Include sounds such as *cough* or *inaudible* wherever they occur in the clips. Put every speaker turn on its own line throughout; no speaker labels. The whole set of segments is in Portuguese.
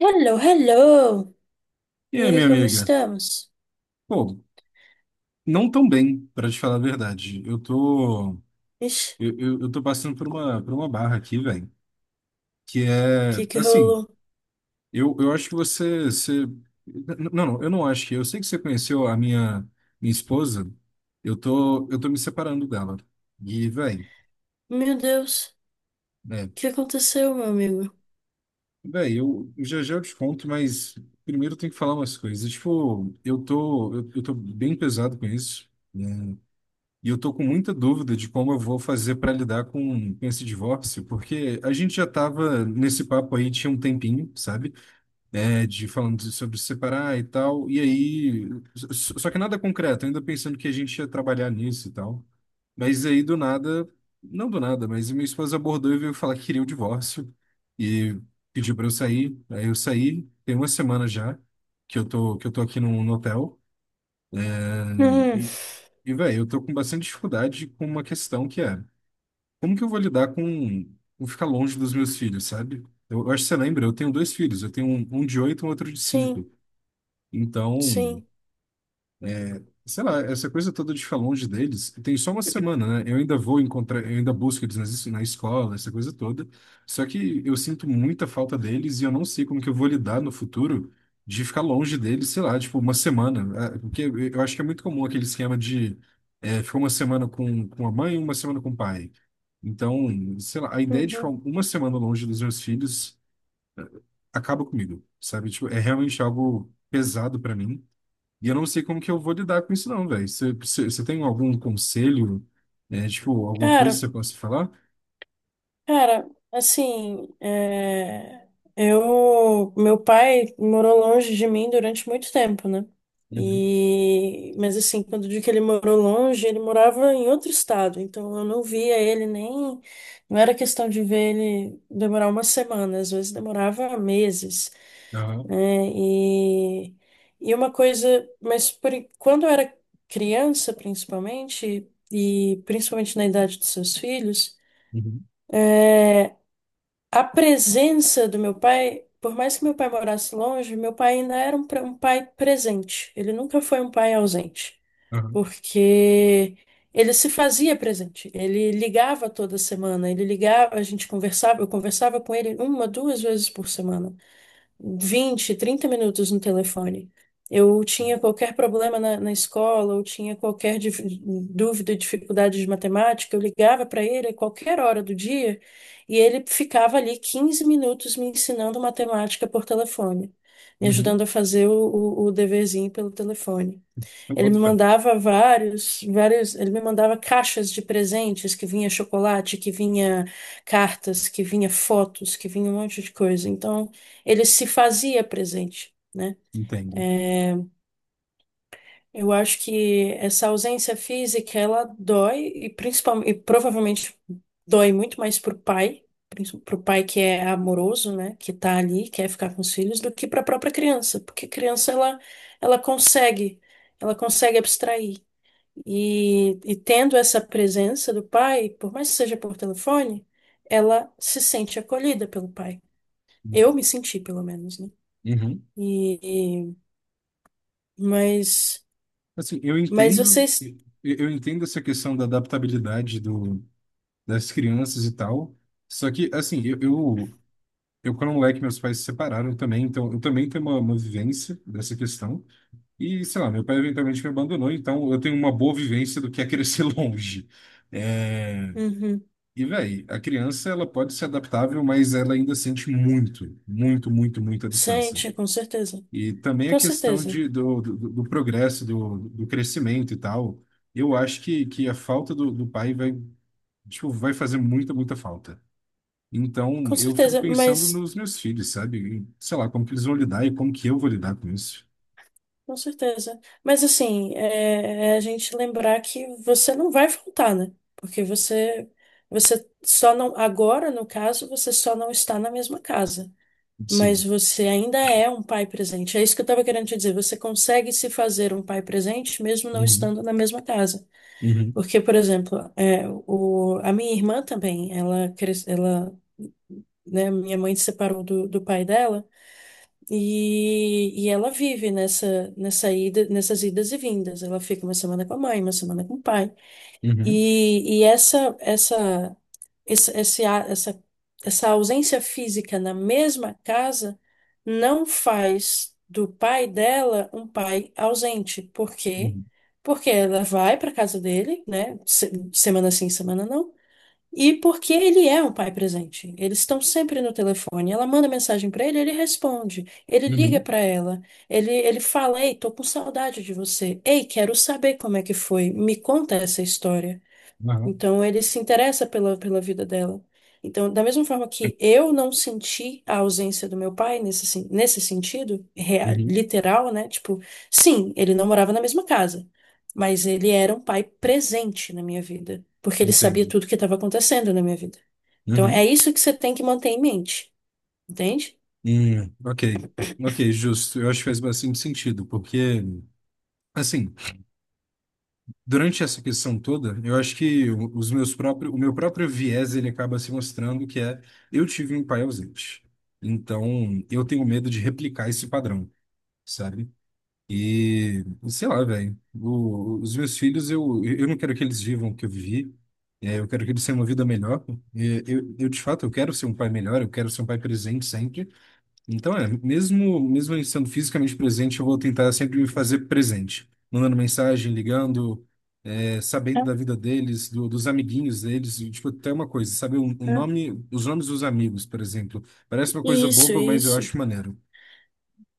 Hello, hello!
E
E
aí,
aí,
minha
como
amiga?
estamos?
Pô, não tão bem, pra te falar a verdade. Eu tô,
Ixi, o
eu, eu, eu tô passando por uma barra aqui, velho, que é,
que que
assim,
rolou?
eu acho que não, não, eu não acho que, eu sei que você conheceu a minha esposa. Eu tô me separando dela. E, velho,
Meu Deus, o
né,
que aconteceu, meu amigo?
velho, eu já já eu te conto, mas primeiro eu tenho que falar umas coisas. Tipo, eu tô bem pesado com isso, né? E eu tô com muita dúvida de como eu vou fazer para lidar com esse divórcio, porque a gente já tava nesse papo aí tinha um tempinho, sabe? É, de falando sobre se separar e tal. E aí, só que nada concreto, ainda pensando que a gente ia trabalhar nisso e tal. Mas aí do nada, não do nada, mas minha esposa abordou e veio falar que queria o divórcio e pediu para eu sair. Aí eu saí, tem uma semana já que eu tô aqui num no hotel.
Hum,
E e, velho, eu tô com bastante dificuldade com uma questão que é como que eu vou lidar com ficar longe dos meus filhos, sabe? Eu acho que você lembra, eu tenho dois filhos, eu tenho um de oito e um outro de
sim,
cinco. Então,
sim.
sei lá, essa coisa toda de ficar longe deles, tem só uma semana, né? Eu ainda vou encontrar, eu ainda busco eles nas na escola, essa coisa toda. Só que eu sinto muita falta deles e eu não sei como que eu vou lidar no futuro de ficar longe deles, sei lá, tipo uma semana. Ah, porque eu acho que é muito comum aquele esquema de é, ficar uma semana com a mãe e uma semana com o pai. Então, sei lá, a ideia de ficar
Uhum.
uma semana longe dos meus filhos acaba comigo, sabe? Tipo, é realmente algo pesado pra mim. E eu não sei como que eu vou lidar com isso, não, velho. Você tem algum conselho, né, tipo, alguma
Cara,
coisa que você possa falar?
Cara, assim, meu pai morou longe de mim durante muito tempo, né?
Uhum.
E, mas assim, quando eu digo que ele morou longe, ele morava em outro estado, então eu não via ele nem, não era questão de ver ele demorar uma semana, às vezes demorava meses,
Aham.
né? E uma coisa, quando eu era criança, principalmente, e principalmente na idade dos seus filhos.
Uhum.
A presença do meu pai, por mais que meu pai morasse longe, meu pai ainda era um pai presente. Ele nunca foi um pai ausente,
Aham.
porque ele se fazia presente. Ele ligava toda semana, ele ligava, a gente conversava, eu conversava com ele uma, duas vezes por semana, 20 30 minutos no telefone. Eu tinha qualquer problema na escola, eu tinha qualquer dúvida, dificuldade de matemática, eu ligava para ele a qualquer hora do dia e ele ficava ali 15 minutos me ensinando matemática por telefone, me
Uhum.
ajudando a fazer o deverzinho pelo telefone.
Eu
Ele me
boto fé.
mandava ele me mandava caixas de presentes que vinha chocolate, que vinha cartas, que vinha fotos, que vinha um monte de coisa. Então, ele se fazia presente, né?
Entendo.
Eu acho que essa ausência física, ela dói e principalmente, e provavelmente dói muito mais pro pai, pro pai que é amoroso, né, que tá ali, quer ficar com os filhos, do que para a própria criança, porque criança ela consegue, ela consegue abstrair. E tendo essa presença do pai, por mais que seja por telefone, ela se sente acolhida pelo pai. Eu me senti, pelo menos, né?
Uhum.
E, e- mas,
Assim, eu
mas
entendo,
vocês.
eu entendo essa questão da adaptabilidade do, das crianças e tal. Só que, assim, eu quando moleque, meus pais se separaram também, então eu também tenho uma vivência dessa questão. E, sei lá, meu pai eventualmente me abandonou, então eu tenho uma boa vivência do que é crescer *laughs* longe. É,
Uhum.
e, velho, a criança, ela pode ser adaptável, mas ela ainda sente muito, muito, muito, muito a distância.
Sente, com certeza.
E também a
Com
questão
certeza.
do progresso, do crescimento e tal, eu acho que a falta do pai vai, tipo, vai fazer muita, muita falta. Então,
Com
eu fico
certeza,
pensando
mas.
nos meus filhos, sabe? E, sei lá, como que eles vão lidar e como que eu vou lidar com isso.
Com certeza. Mas assim, é a gente lembrar que você não vai faltar, né? Porque você. Você só não. Agora, no caso, você só não está na mesma casa. Mas
Sim.
você ainda é um pai presente. É isso que eu estava querendo te dizer. Você consegue se fazer um pai presente mesmo não
Uhum,
estando na mesma casa.
uhum,
Porque, por exemplo, a minha irmã também, ela, né, minha mãe se separou do pai dela e ela vive nessa ida, nessas idas e vindas. Ela fica uma semana com a mãe, uma semana com o pai.
uhum.
Essa esse- esse a- essa, essa ausência física na mesma casa não faz do pai dela um pai ausente. Por quê?
Uhum.
Porque ela vai para casa dele, né? Semana sim, semana não. E porque ele é um pai presente. Eles estão sempre no telefone. Ela manda mensagem para ele, ele responde. Ele liga
Uhum.
para ela. Ele fala: Ei, tô com saudade de você. Ei, quero saber como é que foi. Me conta essa história.
Aham.
Então ele se interessa pela vida dela. Então, da mesma forma que eu não senti a ausência do meu pai nesse sentido, real,
Uhum.
literal, né? Tipo, sim, ele não morava na mesma casa, mas ele era um pai presente na minha vida, porque ele sabia
Entendo.
tudo que estava acontecendo na minha vida. Então, é
Uhum.
isso que você tem que manter em mente, entende?
Ok. Ok, justo. Eu acho que faz bastante sentido, porque, assim, durante essa questão toda, eu acho que os meus próprios, o meu próprio viés, ele acaba se mostrando que é, eu tive um pai ausente. Então, eu tenho medo de replicar esse padrão, sabe? E sei lá, velho. Os meus filhos, eu não quero que eles vivam o que eu vivi. É, eu quero que eles tenham uma vida melhor. E eu, de fato, eu quero ser um pai melhor, eu quero ser um pai presente sempre. Então, é, mesmo eu estando fisicamente presente, eu vou tentar sempre me fazer presente. Mandando mensagem, ligando, é,
É,
sabendo da vida deles, dos amiguinhos deles. E, tipo, até uma coisa, sabe?
é.
Os nomes dos amigos, por exemplo. Parece uma coisa
Isso,
boba, mas eu
isso.
acho maneiro,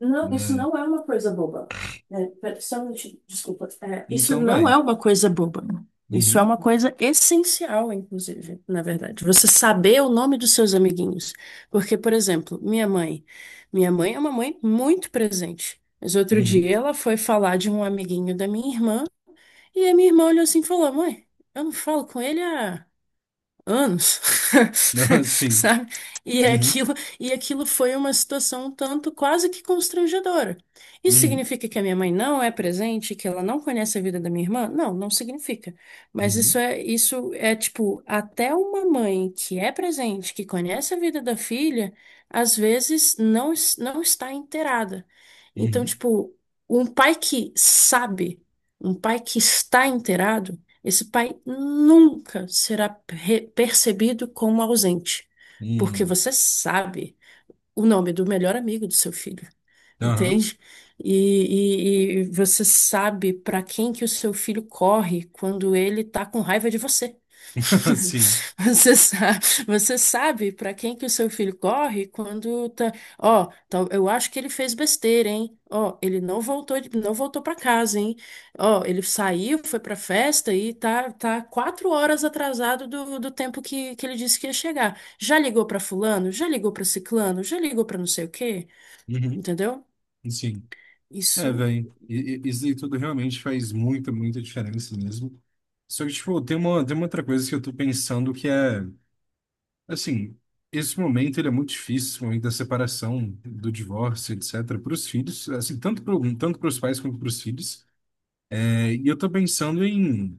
Não, isso
né?
não é uma coisa boba. Né? Só um minutinho, desculpa. É, isso
Então,
não
velho.
é uma coisa boba. Isso é
Uhum,
uma coisa essencial, inclusive, na verdade. Você saber o nome dos seus amiguinhos. Porque, por exemplo, minha mãe. Minha mãe é uma mãe muito presente. Mas outro dia
uhum.
ela foi falar de um amiguinho da minha irmã e a minha irmã olhou assim e falou: Mãe, eu não falo com ele há anos,
*laughs*
*laughs*
Sim.
sabe? E
Uhum.
aquilo, e aquilo foi uma situação um tanto quase que constrangedora. Isso
Uhum.
significa que a minha mãe não é presente, que ela não conhece a vida da minha irmã? Não, não significa. Mas
Uhum.
isso é tipo, até uma mãe que é presente, que conhece a vida da filha, às vezes não está inteirada. Então,
Uhum.
tipo, um pai que sabe, um pai que está inteirado, esse pai nunca será percebido como ausente, porque
Uhum.
você sabe o nome do melhor amigo do seu filho,
Aham.
entende? E, e você sabe para quem que o seu filho corre quando ele tá com raiva de você.
*laughs*
*laughs*
Sim.
Você sabe, você sabe para quem que o seu filho corre quando tá, eu acho que ele fez besteira, hein? Ó, ele não voltou, não voltou para casa, hein? Ó, ele saiu, foi para festa e tá quatro horas atrasado do tempo que ele disse que ia chegar. Já ligou para fulano? Já ligou para ciclano? Já ligou para não sei o quê?
Uhum.
Entendeu?
Sim. É,
Isso,
velho. Isso aí tudo realmente faz muita, muita diferença mesmo. Só que, tipo, tem uma outra coisa que eu tô pensando que é, assim, esse momento ele é muito difícil, esse momento da separação, do divórcio, etc., para os filhos, assim, tanto para os pais quanto para os filhos. É, e eu tô pensando em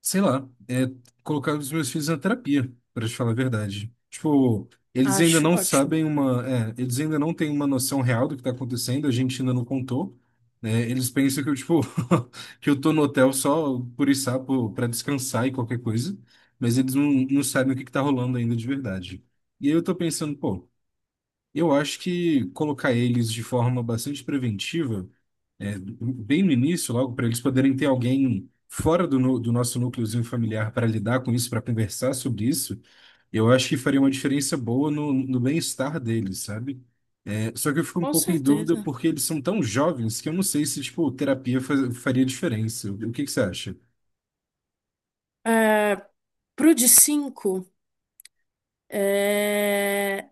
sei lá, colocar os meus filhos na terapia, para te falar a verdade. Tipo, eles ainda
acho
não
ótimo.
sabem eles ainda não têm uma noção real do que tá acontecendo, a gente ainda não contou, né? Eles pensam que eu, tipo, *laughs* que eu tô no hotel só por sapo para descansar e qualquer coisa, mas eles não, não sabem o que que tá rolando ainda de verdade. E aí eu tô pensando, pô, eu acho que colocar eles de forma bastante preventiva é, bem no início, logo, para eles poderem ter alguém fora do nosso núcleozinho familiar para lidar com isso, para conversar sobre isso, eu acho que faria uma diferença boa no bem-estar deles, sabe? É, só que eu fico um
Com
pouco em dúvida
certeza.
porque eles são tão jovens que eu não sei se, tipo, terapia faria diferença. O que que você acha?
É, pro de cinco. É,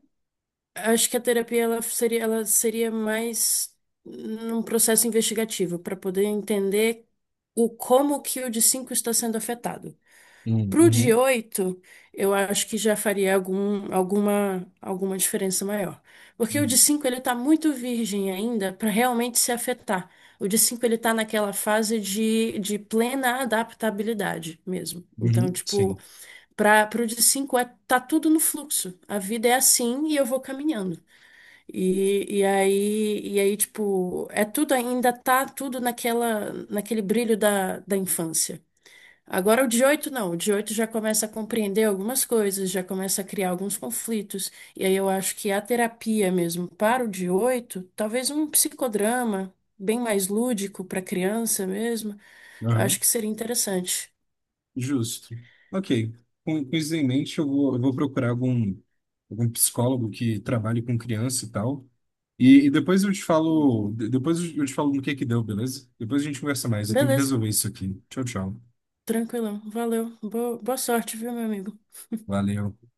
acho que a terapia ela seria mais num processo investigativo, para poder entender o como que o de 5 está sendo afetado. Para o de
Uhum,
8 eu acho que já faria alguma diferença maior. Porque o de 5 ele está muito virgem ainda para realmente se afetar. O de 5 ele está naquela fase de plena adaptabilidade mesmo.
uhum,
Então,
sim.
tipo, para o de 5 é, tá tudo no fluxo. A vida é assim e eu vou caminhando. E aí, tipo, é tudo ainda tá tudo naquele brilho da infância. Agora o 18 não, o 18 já começa a compreender algumas coisas, já começa a criar alguns conflitos. E aí eu acho que a terapia mesmo para o 18, talvez um psicodrama bem mais lúdico para criança mesmo, acho que seria interessante.
Justo. Ok. Com isso em mente, eu vou procurar algum psicólogo que trabalhe com criança e tal. E, depois eu te
Uhum.
falo, no que deu, beleza? Depois a gente conversa mais. Eu tenho que
Beleza,
resolver isso aqui. Tchau, tchau.
tranquilão, valeu. Boa, boa sorte, viu, meu amigo?
Valeu.